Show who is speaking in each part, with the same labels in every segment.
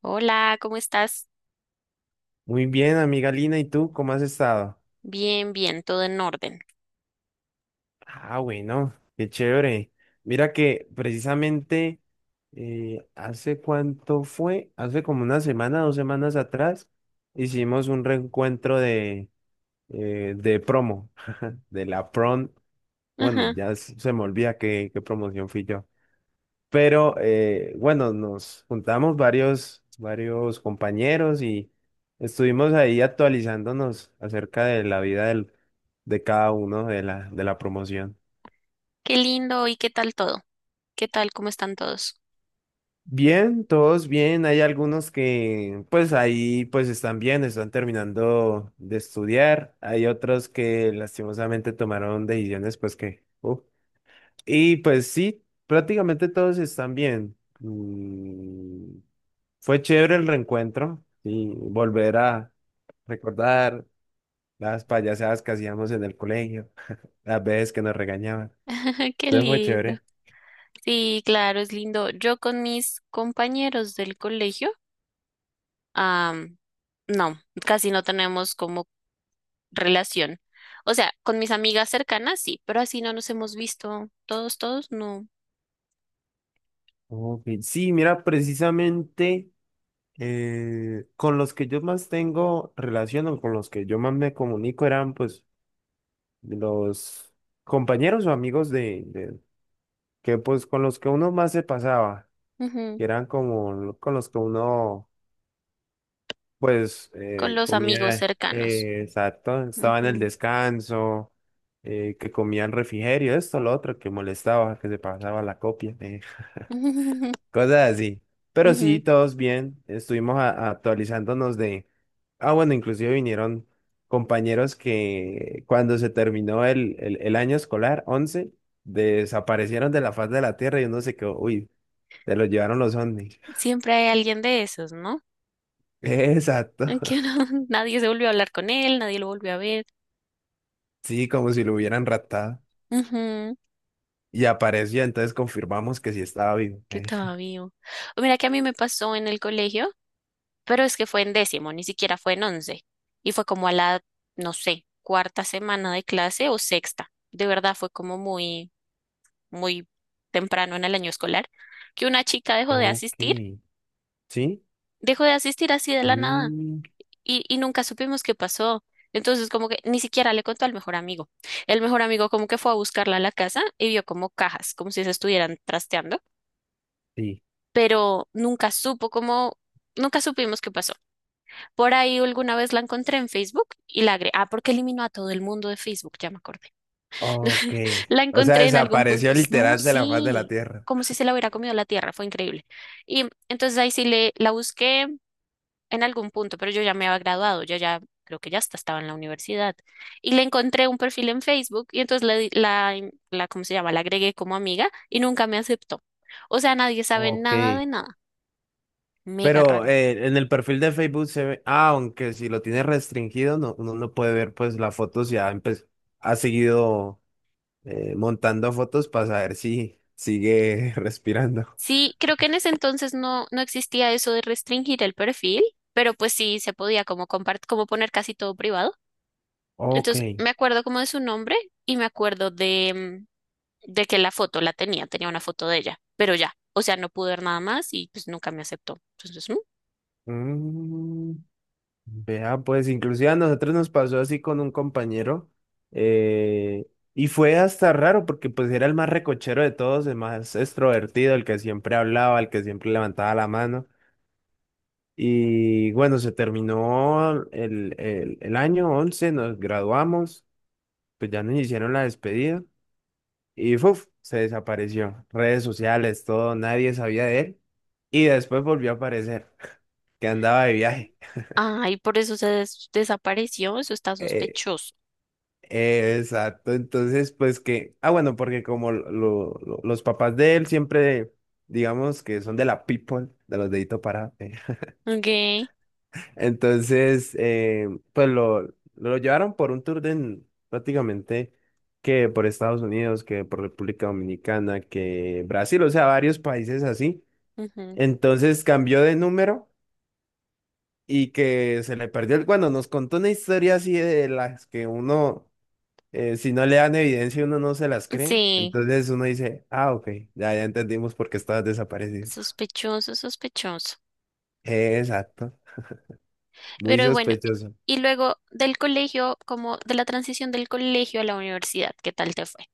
Speaker 1: Hola, ¿cómo estás?
Speaker 2: Muy bien, amiga Lina, ¿y tú cómo has estado?
Speaker 1: Bien, bien, todo en orden.
Speaker 2: Ah, bueno, qué chévere. Mira que precisamente hace cuánto fue, hace como una semana, 2 semanas atrás, hicimos un reencuentro de, de, promo, de la prom. Bueno,
Speaker 1: Ajá,
Speaker 2: ya se me olvida qué promoción fui yo. Pero bueno, nos juntamos varios compañeros y estuvimos ahí actualizándonos acerca de la vida del, de cada uno de la promoción.
Speaker 1: qué lindo. ¿Y qué tal todo? ¿Qué tal? ¿Cómo están todos?
Speaker 2: Bien, todos bien. Hay algunos que pues ahí pues están bien, están terminando de estudiar. Hay otros que lastimosamente tomaron decisiones pues que uf. Y pues sí, prácticamente todos están bien. Fue chévere el reencuentro y volver a recordar las payasadas que hacíamos en el colegio, las veces que nos regañaban.
Speaker 1: Ajá, qué
Speaker 2: Entonces fue
Speaker 1: lindo.
Speaker 2: chévere.
Speaker 1: Sí, claro, es lindo. Yo con mis compañeros del colegio, am, no, casi no tenemos como relación. O sea, con mis amigas cercanas sí, pero así no nos hemos visto todos, todos, no.
Speaker 2: Ok, sí, mira, precisamente con los que yo más tengo relación o con los que yo más me comunico eran pues los compañeros o amigos de, que pues con los que uno más se pasaba,
Speaker 1: Ujú.
Speaker 2: que eran como con los que uno pues
Speaker 1: Con los amigos
Speaker 2: comía,
Speaker 1: cercanos.
Speaker 2: exacto, estaba en el
Speaker 1: Ujú.
Speaker 2: descanso, que comía el refrigerio, esto, lo otro, que molestaba, que se pasaba la copia, cosas así. Pero sí,
Speaker 1: Ujú.
Speaker 2: todos bien, estuvimos actualizándonos de. Ah, bueno, inclusive vinieron compañeros que cuando se terminó el año escolar, 11 desaparecieron de la faz de la Tierra y uno se quedó, uy, se lo llevaron los ovnis.
Speaker 1: Siempre hay alguien de esos, ¿no?
Speaker 2: Exacto,
Speaker 1: Que no- Nadie se volvió a hablar con él, nadie lo volvió a ver.
Speaker 2: sí, como si lo hubieran raptado.
Speaker 1: Ujú.
Speaker 2: Y apareció, entonces confirmamos que sí estaba vivo.
Speaker 1: Que estaba vivo. O Mira que a mí me pasó en el colegio, pero es que fue en décimo, ni siquiera fue en once. Y fue como a la, no sé, cuarta semana de clase o sexta. De verdad fue como muy, muy temprano en el año escolar, que una chica
Speaker 2: Ok. ¿Sí?
Speaker 1: dejó de asistir así de la nada
Speaker 2: Mm,
Speaker 1: y nunca supimos qué pasó. Entonces como que ni siquiera le contó al mejor amigo. El mejor amigo como que fue a buscarla a la casa y vio como cajas, como si se estuvieran trasteando,
Speaker 2: sí.
Speaker 1: pero nunca supo cómo, nunca supimos qué pasó. Por ahí alguna vez la encontré en Facebook y la agregué. Ah, porque eliminó a todo el mundo de Facebook, ya me acordé.
Speaker 2: Ok.
Speaker 1: La
Speaker 2: O sea,
Speaker 1: encontré en algún punto.
Speaker 2: desapareció
Speaker 1: No,
Speaker 2: literal de la faz de la
Speaker 1: sí,
Speaker 2: Tierra.
Speaker 1: como si se la hubiera comido la tierra, fue increíble. Y entonces ahí sí la busqué en algún punto, pero yo ya me había graduado, yo ya creo que ya hasta estaba en la universidad. Y le encontré un perfil en Facebook y entonces la, ¿cómo se llama? La agregué como amiga y nunca me aceptó. O sea, nadie sabe
Speaker 2: Ok.
Speaker 1: nada de nada. Mega
Speaker 2: Pero
Speaker 1: raro.
Speaker 2: en el perfil de Facebook se ve, ah, aunque si lo tiene restringido, no, uno no puede ver pues las fotos, ya ha seguido montando fotos para saber si sigue respirando.
Speaker 1: Sí, creo que en ese entonces no, no existía eso de restringir el perfil, pero pues sí se podía como como poner casi todo privado.
Speaker 2: Ok.
Speaker 1: Entonces me acuerdo como de su nombre y me acuerdo de que la foto la tenía una foto de ella, pero ya, o sea, no pude ver nada más y pues nunca me aceptó. Entonces, mm.
Speaker 2: Mm, Vea, pues inclusive a nosotros nos pasó así con un compañero eh, y fue hasta raro porque pues era el más recochero de todos, el más extrovertido, el que siempre hablaba, el que siempre levantaba la mano y bueno, se terminó el año 11 nos graduamos, pues ya nos hicieron la despedida y ¡fuf! Se desapareció, redes sociales, todo, nadie sabía de él y después volvió a aparecer, que andaba de viaje.
Speaker 1: Ay, por eso se desapareció, eso está
Speaker 2: Eh,
Speaker 1: sospechoso.
Speaker 2: Exacto, entonces pues que, ah bueno, porque como los papás de él siempre, digamos que son de la people, de los deditos para,
Speaker 1: Ok.
Speaker 2: entonces pues lo llevaron por un tour prácticamente que por Estados Unidos, que por República Dominicana, que Brasil, o sea, varios países así,
Speaker 1: Ujú.
Speaker 2: entonces cambió de número y que se le perdió el, cuando nos contó una historia así de las que uno, si no le dan evidencia, uno no se las cree.
Speaker 1: Sí,
Speaker 2: Entonces uno dice, ah, ok, ya, ya entendimos por qué estabas desaparecido.
Speaker 1: sospechoso, sospechoso.
Speaker 2: Exacto, muy
Speaker 1: Pero bueno,
Speaker 2: sospechoso.
Speaker 1: y luego del colegio, como de la transición del colegio a la universidad, ¿qué tal te fue?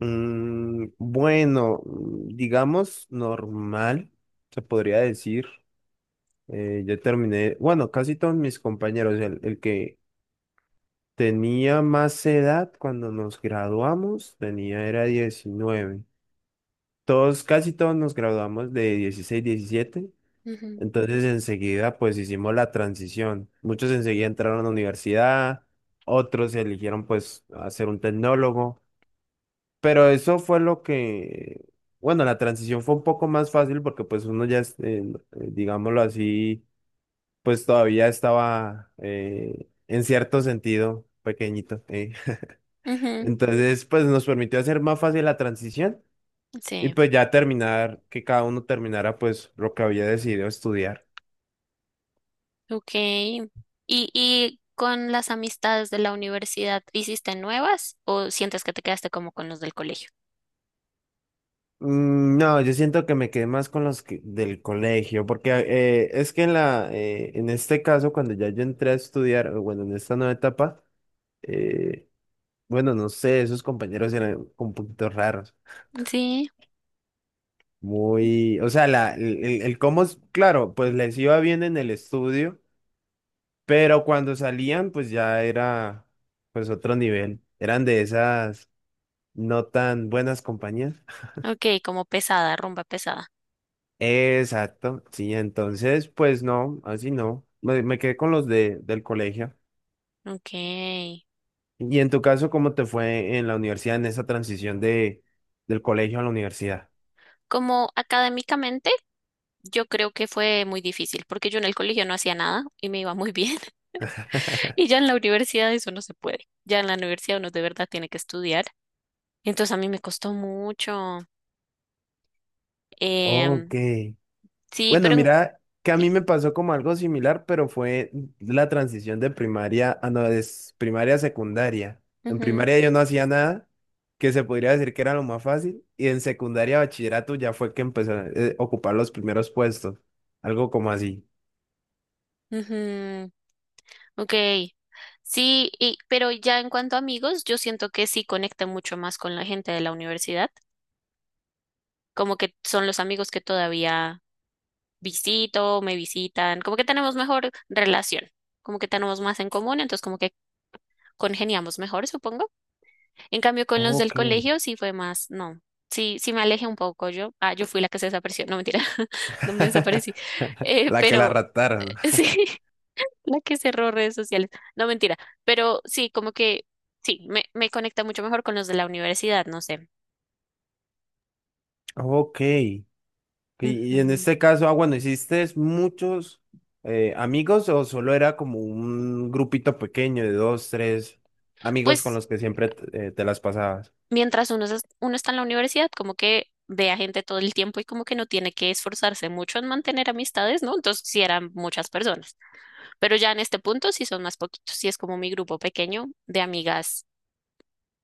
Speaker 2: Bueno, digamos normal, se podría decir. Yo terminé, bueno, casi todos mis compañeros, el que tenía más edad cuando nos graduamos, tenía, era 19. Todos, casi todos nos graduamos de 16 17.
Speaker 1: Ujú.
Speaker 2: Entonces enseguida pues hicimos la transición. Muchos enseguida entraron a la universidad, otros eligieron pues hacer un tecnólogo, pero eso fue lo que, bueno, la transición fue un poco más fácil porque pues uno ya, digámoslo así, pues todavía estaba en cierto sentido pequeñito.
Speaker 1: Ujú.
Speaker 2: Entonces pues nos permitió hacer más fácil la transición y
Speaker 1: Sí.
Speaker 2: pues ya terminar, que cada uno terminara pues lo que había decidido estudiar.
Speaker 1: Ok. Y con las amistades de la universidad, hiciste nuevas o sientes que te quedaste como con los del colegio?
Speaker 2: Mm, no, yo siento que me quedé más con los del colegio, porque es que en este caso, cuando ya yo entré a estudiar, o bueno, en esta nueva etapa, eh, bueno, no sé, esos compañeros eran un poquito raros,
Speaker 1: Sí.
Speaker 2: muy, o sea, el cómo, claro, pues les iba bien en el estudio, pero cuando salían, pues ya era, pues otro nivel, eran de esas no tan buenas compañías.
Speaker 1: Ok, como pesada, rumba pesada.
Speaker 2: Exacto, sí, entonces, pues no, así no. Me quedé con los del colegio.
Speaker 1: Ok.
Speaker 2: Y en tu caso, ¿cómo te fue en la universidad, en esa transición del colegio a la universidad?
Speaker 1: Como académicamente, yo creo que fue muy difícil, porque yo en el colegio no hacía nada y me iba muy bien. Y ya en la universidad eso no se puede. Ya en la universidad uno de verdad tiene que estudiar. Entonces a mí me costó mucho.
Speaker 2: Ok.
Speaker 1: Em, sí,
Speaker 2: Bueno,
Speaker 1: pero,
Speaker 2: mira, que a
Speaker 1: sí,
Speaker 2: mí me pasó como algo similar, pero fue la transición de primaria a no, de primaria a secundaria. En
Speaker 1: ujú,
Speaker 2: primaria yo no hacía nada, que se podría decir que era lo más fácil, y en secundaria, bachillerato ya fue que empecé a ocupar los primeros puestos, algo como así.
Speaker 1: ujú, ok. Sí, y, pero ya en cuanto a amigos, yo siento que sí conecta mucho más con la gente de la universidad. Como que son los amigos que todavía visito, me visitan, como que tenemos mejor relación, como que tenemos más en común, entonces como que congeniamos mejor, supongo. En cambio, con los del
Speaker 2: Ok,
Speaker 1: colegio sí fue más, no, sí, sí me alejé un poco yo. Ah, yo fui la que se desapareció, no mentira, no me desaparecí,
Speaker 2: la que la
Speaker 1: pero
Speaker 2: raptaron.
Speaker 1: sí, la que cerró redes sociales, no mentira, pero sí, como que sí, me conecta mucho mejor con los de la universidad, no sé.
Speaker 2: Ok. Y en
Speaker 1: Ujú.
Speaker 2: este caso, ah, bueno, ¿hiciste muchos amigos o solo era como un grupito pequeño de dos, tres amigos con
Speaker 1: Pues
Speaker 2: los que siempre te las pasabas?
Speaker 1: mientras uno, uno está en la universidad, como que ve a gente todo el tiempo y como que no tiene que esforzarse mucho en mantener amistades, ¿no? Entonces sí eran muchas personas, pero ya en este punto sí son más poquitos, sí es como mi grupo pequeño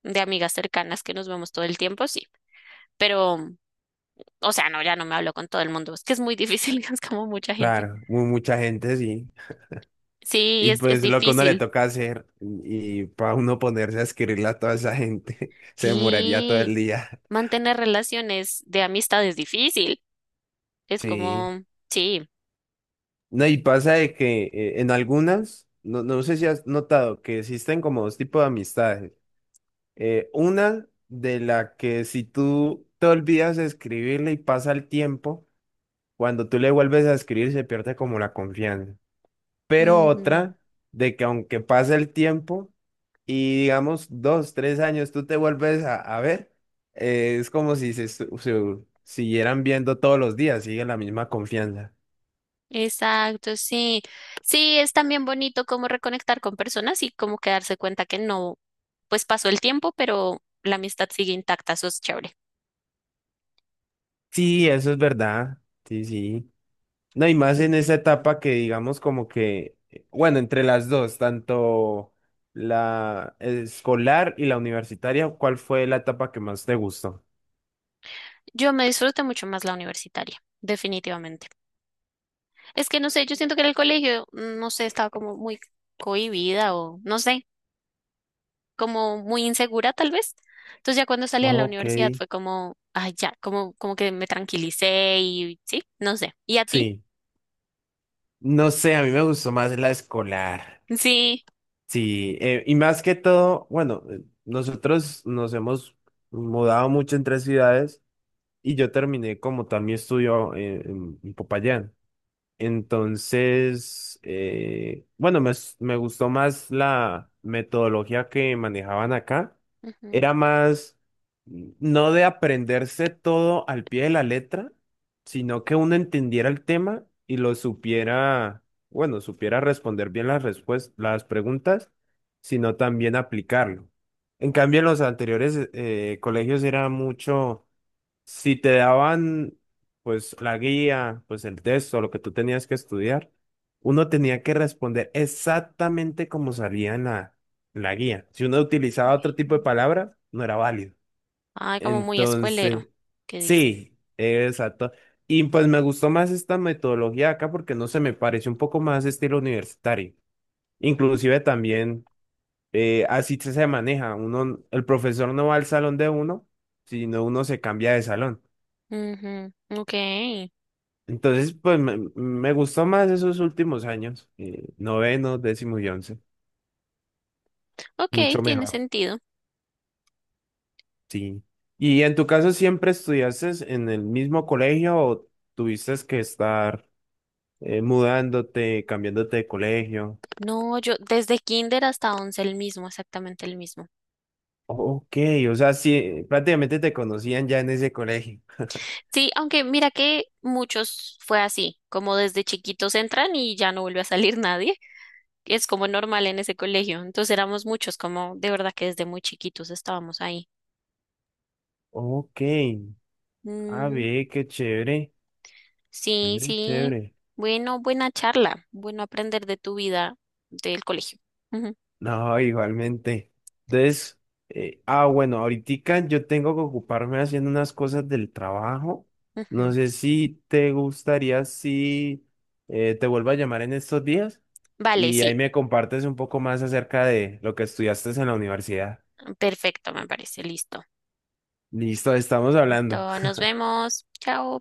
Speaker 1: de amigas cercanas que nos vemos todo el tiempo, sí, pero, o sea, no, ya no me hablo con todo el mundo, es que es muy difícil, es como mucha gente.
Speaker 2: Claro, mucha gente, sí.
Speaker 1: Sí,
Speaker 2: Y
Speaker 1: es
Speaker 2: pues lo que uno le
Speaker 1: difícil.
Speaker 2: toca hacer y para uno ponerse a escribirle a toda esa gente, se demoraría todo
Speaker 1: Sí,
Speaker 2: el día.
Speaker 1: mantener relaciones de amistad es difícil, es
Speaker 2: Sí.
Speaker 1: como, sí.
Speaker 2: No, y pasa de que en algunas, no, no sé si has notado que existen como dos tipos de amistades. Una de la que si tú te olvidas de escribirle y pasa el tiempo, cuando tú le vuelves a escribir se pierde como la confianza. Pero
Speaker 1: Ujú.
Speaker 2: otra de que aunque pase el tiempo y digamos 2, 3 años tú te vuelves a ver, es como si se siguieran viendo todos los días, sigue la misma confianza.
Speaker 1: Exacto, sí. Sí, es también bonito como reconectar con personas y como que darse cuenta que no, pues pasó el tiempo, pero la amistad sigue intacta, eso es chévere.
Speaker 2: Sí, eso es verdad. Sí, sí. No, y más en esa etapa que digamos como que, bueno, entre las dos, tanto la escolar y la universitaria, ¿cuál fue la etapa que más te gustó?
Speaker 1: Yo me disfruté mucho más la universitaria, definitivamente. Es que no sé, yo siento que en el colegio, no sé, estaba como muy cohibida o no sé. Como muy insegura tal vez. Entonces ya cuando salí a la
Speaker 2: Ok.
Speaker 1: universidad fue como, ay, ya, como, como que me tranquilicé y sí, no sé. ¿Y a ti?
Speaker 2: Sí, no sé, a mí me gustó más la escolar.
Speaker 1: Sí.
Speaker 2: Sí, y más que todo, bueno, nosotros nos hemos mudado mucho entre ciudades y yo terminé como tal mi estudio en Popayán. Entonces, bueno, me gustó más la metodología que manejaban acá.
Speaker 1: Ujú.
Speaker 2: Era más, no de aprenderse todo al pie de la letra, sino que uno entendiera el tema y lo supiera, bueno, supiera responder bien las las preguntas, sino también aplicarlo. En cambio, en los anteriores colegios era mucho si te daban, pues, la guía, pues, el texto, lo que tú tenías que estudiar, uno tenía que responder exactamente como salía en la guía. Si uno utilizaba otro tipo de palabras, no era válido.
Speaker 1: Ay, como muy escuelero,
Speaker 2: Entonces,
Speaker 1: que dicen.
Speaker 2: sí, exacto. Y pues me gustó más esta metodología acá porque no se me parece un poco más estilo universitario. Inclusive también así se maneja. Uno, el profesor no va al salón de uno, sino uno se cambia de salón.
Speaker 1: Ujú. Ok,
Speaker 2: Entonces, pues me gustó más esos últimos años, noveno, décimo y 11,
Speaker 1: ok,
Speaker 2: mucho
Speaker 1: tiene
Speaker 2: mejor,
Speaker 1: sentido.
Speaker 2: sí. ¿Y en tu caso siempre estudiaste en el mismo colegio o tuviste que estar mudándote, cambiándote de colegio?
Speaker 1: No, yo desde kinder hasta once el mismo, exactamente el mismo.
Speaker 2: Ok, o sea, sí, prácticamente te conocían ya en ese colegio.
Speaker 1: Sí, aunque mira que muchos fue así, como desde chiquitos entran y ya no vuelve a salir nadie. Es como normal en ese colegio. Entonces éramos muchos, como de verdad que desde muy chiquitos estábamos ahí.
Speaker 2: Ok, a
Speaker 1: Mm,
Speaker 2: ver, qué chévere,
Speaker 1: sí,
Speaker 2: chévere,
Speaker 1: sí.
Speaker 2: chévere.
Speaker 1: Bueno, buena charla. Bueno aprender de tu vida del colegio. Ujú,
Speaker 2: No, igualmente. Entonces, ah, bueno, ahorita yo tengo que ocuparme haciendo unas cosas del trabajo. No
Speaker 1: ujú.
Speaker 2: sé si te gustaría si te vuelvo a llamar en estos días
Speaker 1: Vale,
Speaker 2: y ahí
Speaker 1: sí.
Speaker 2: me compartes un poco más acerca de lo que estudiaste en la universidad.
Speaker 1: Perfecto, me parece. Listo.
Speaker 2: Listo, estamos hablando.
Speaker 1: Entonces, nos vemos. Chao.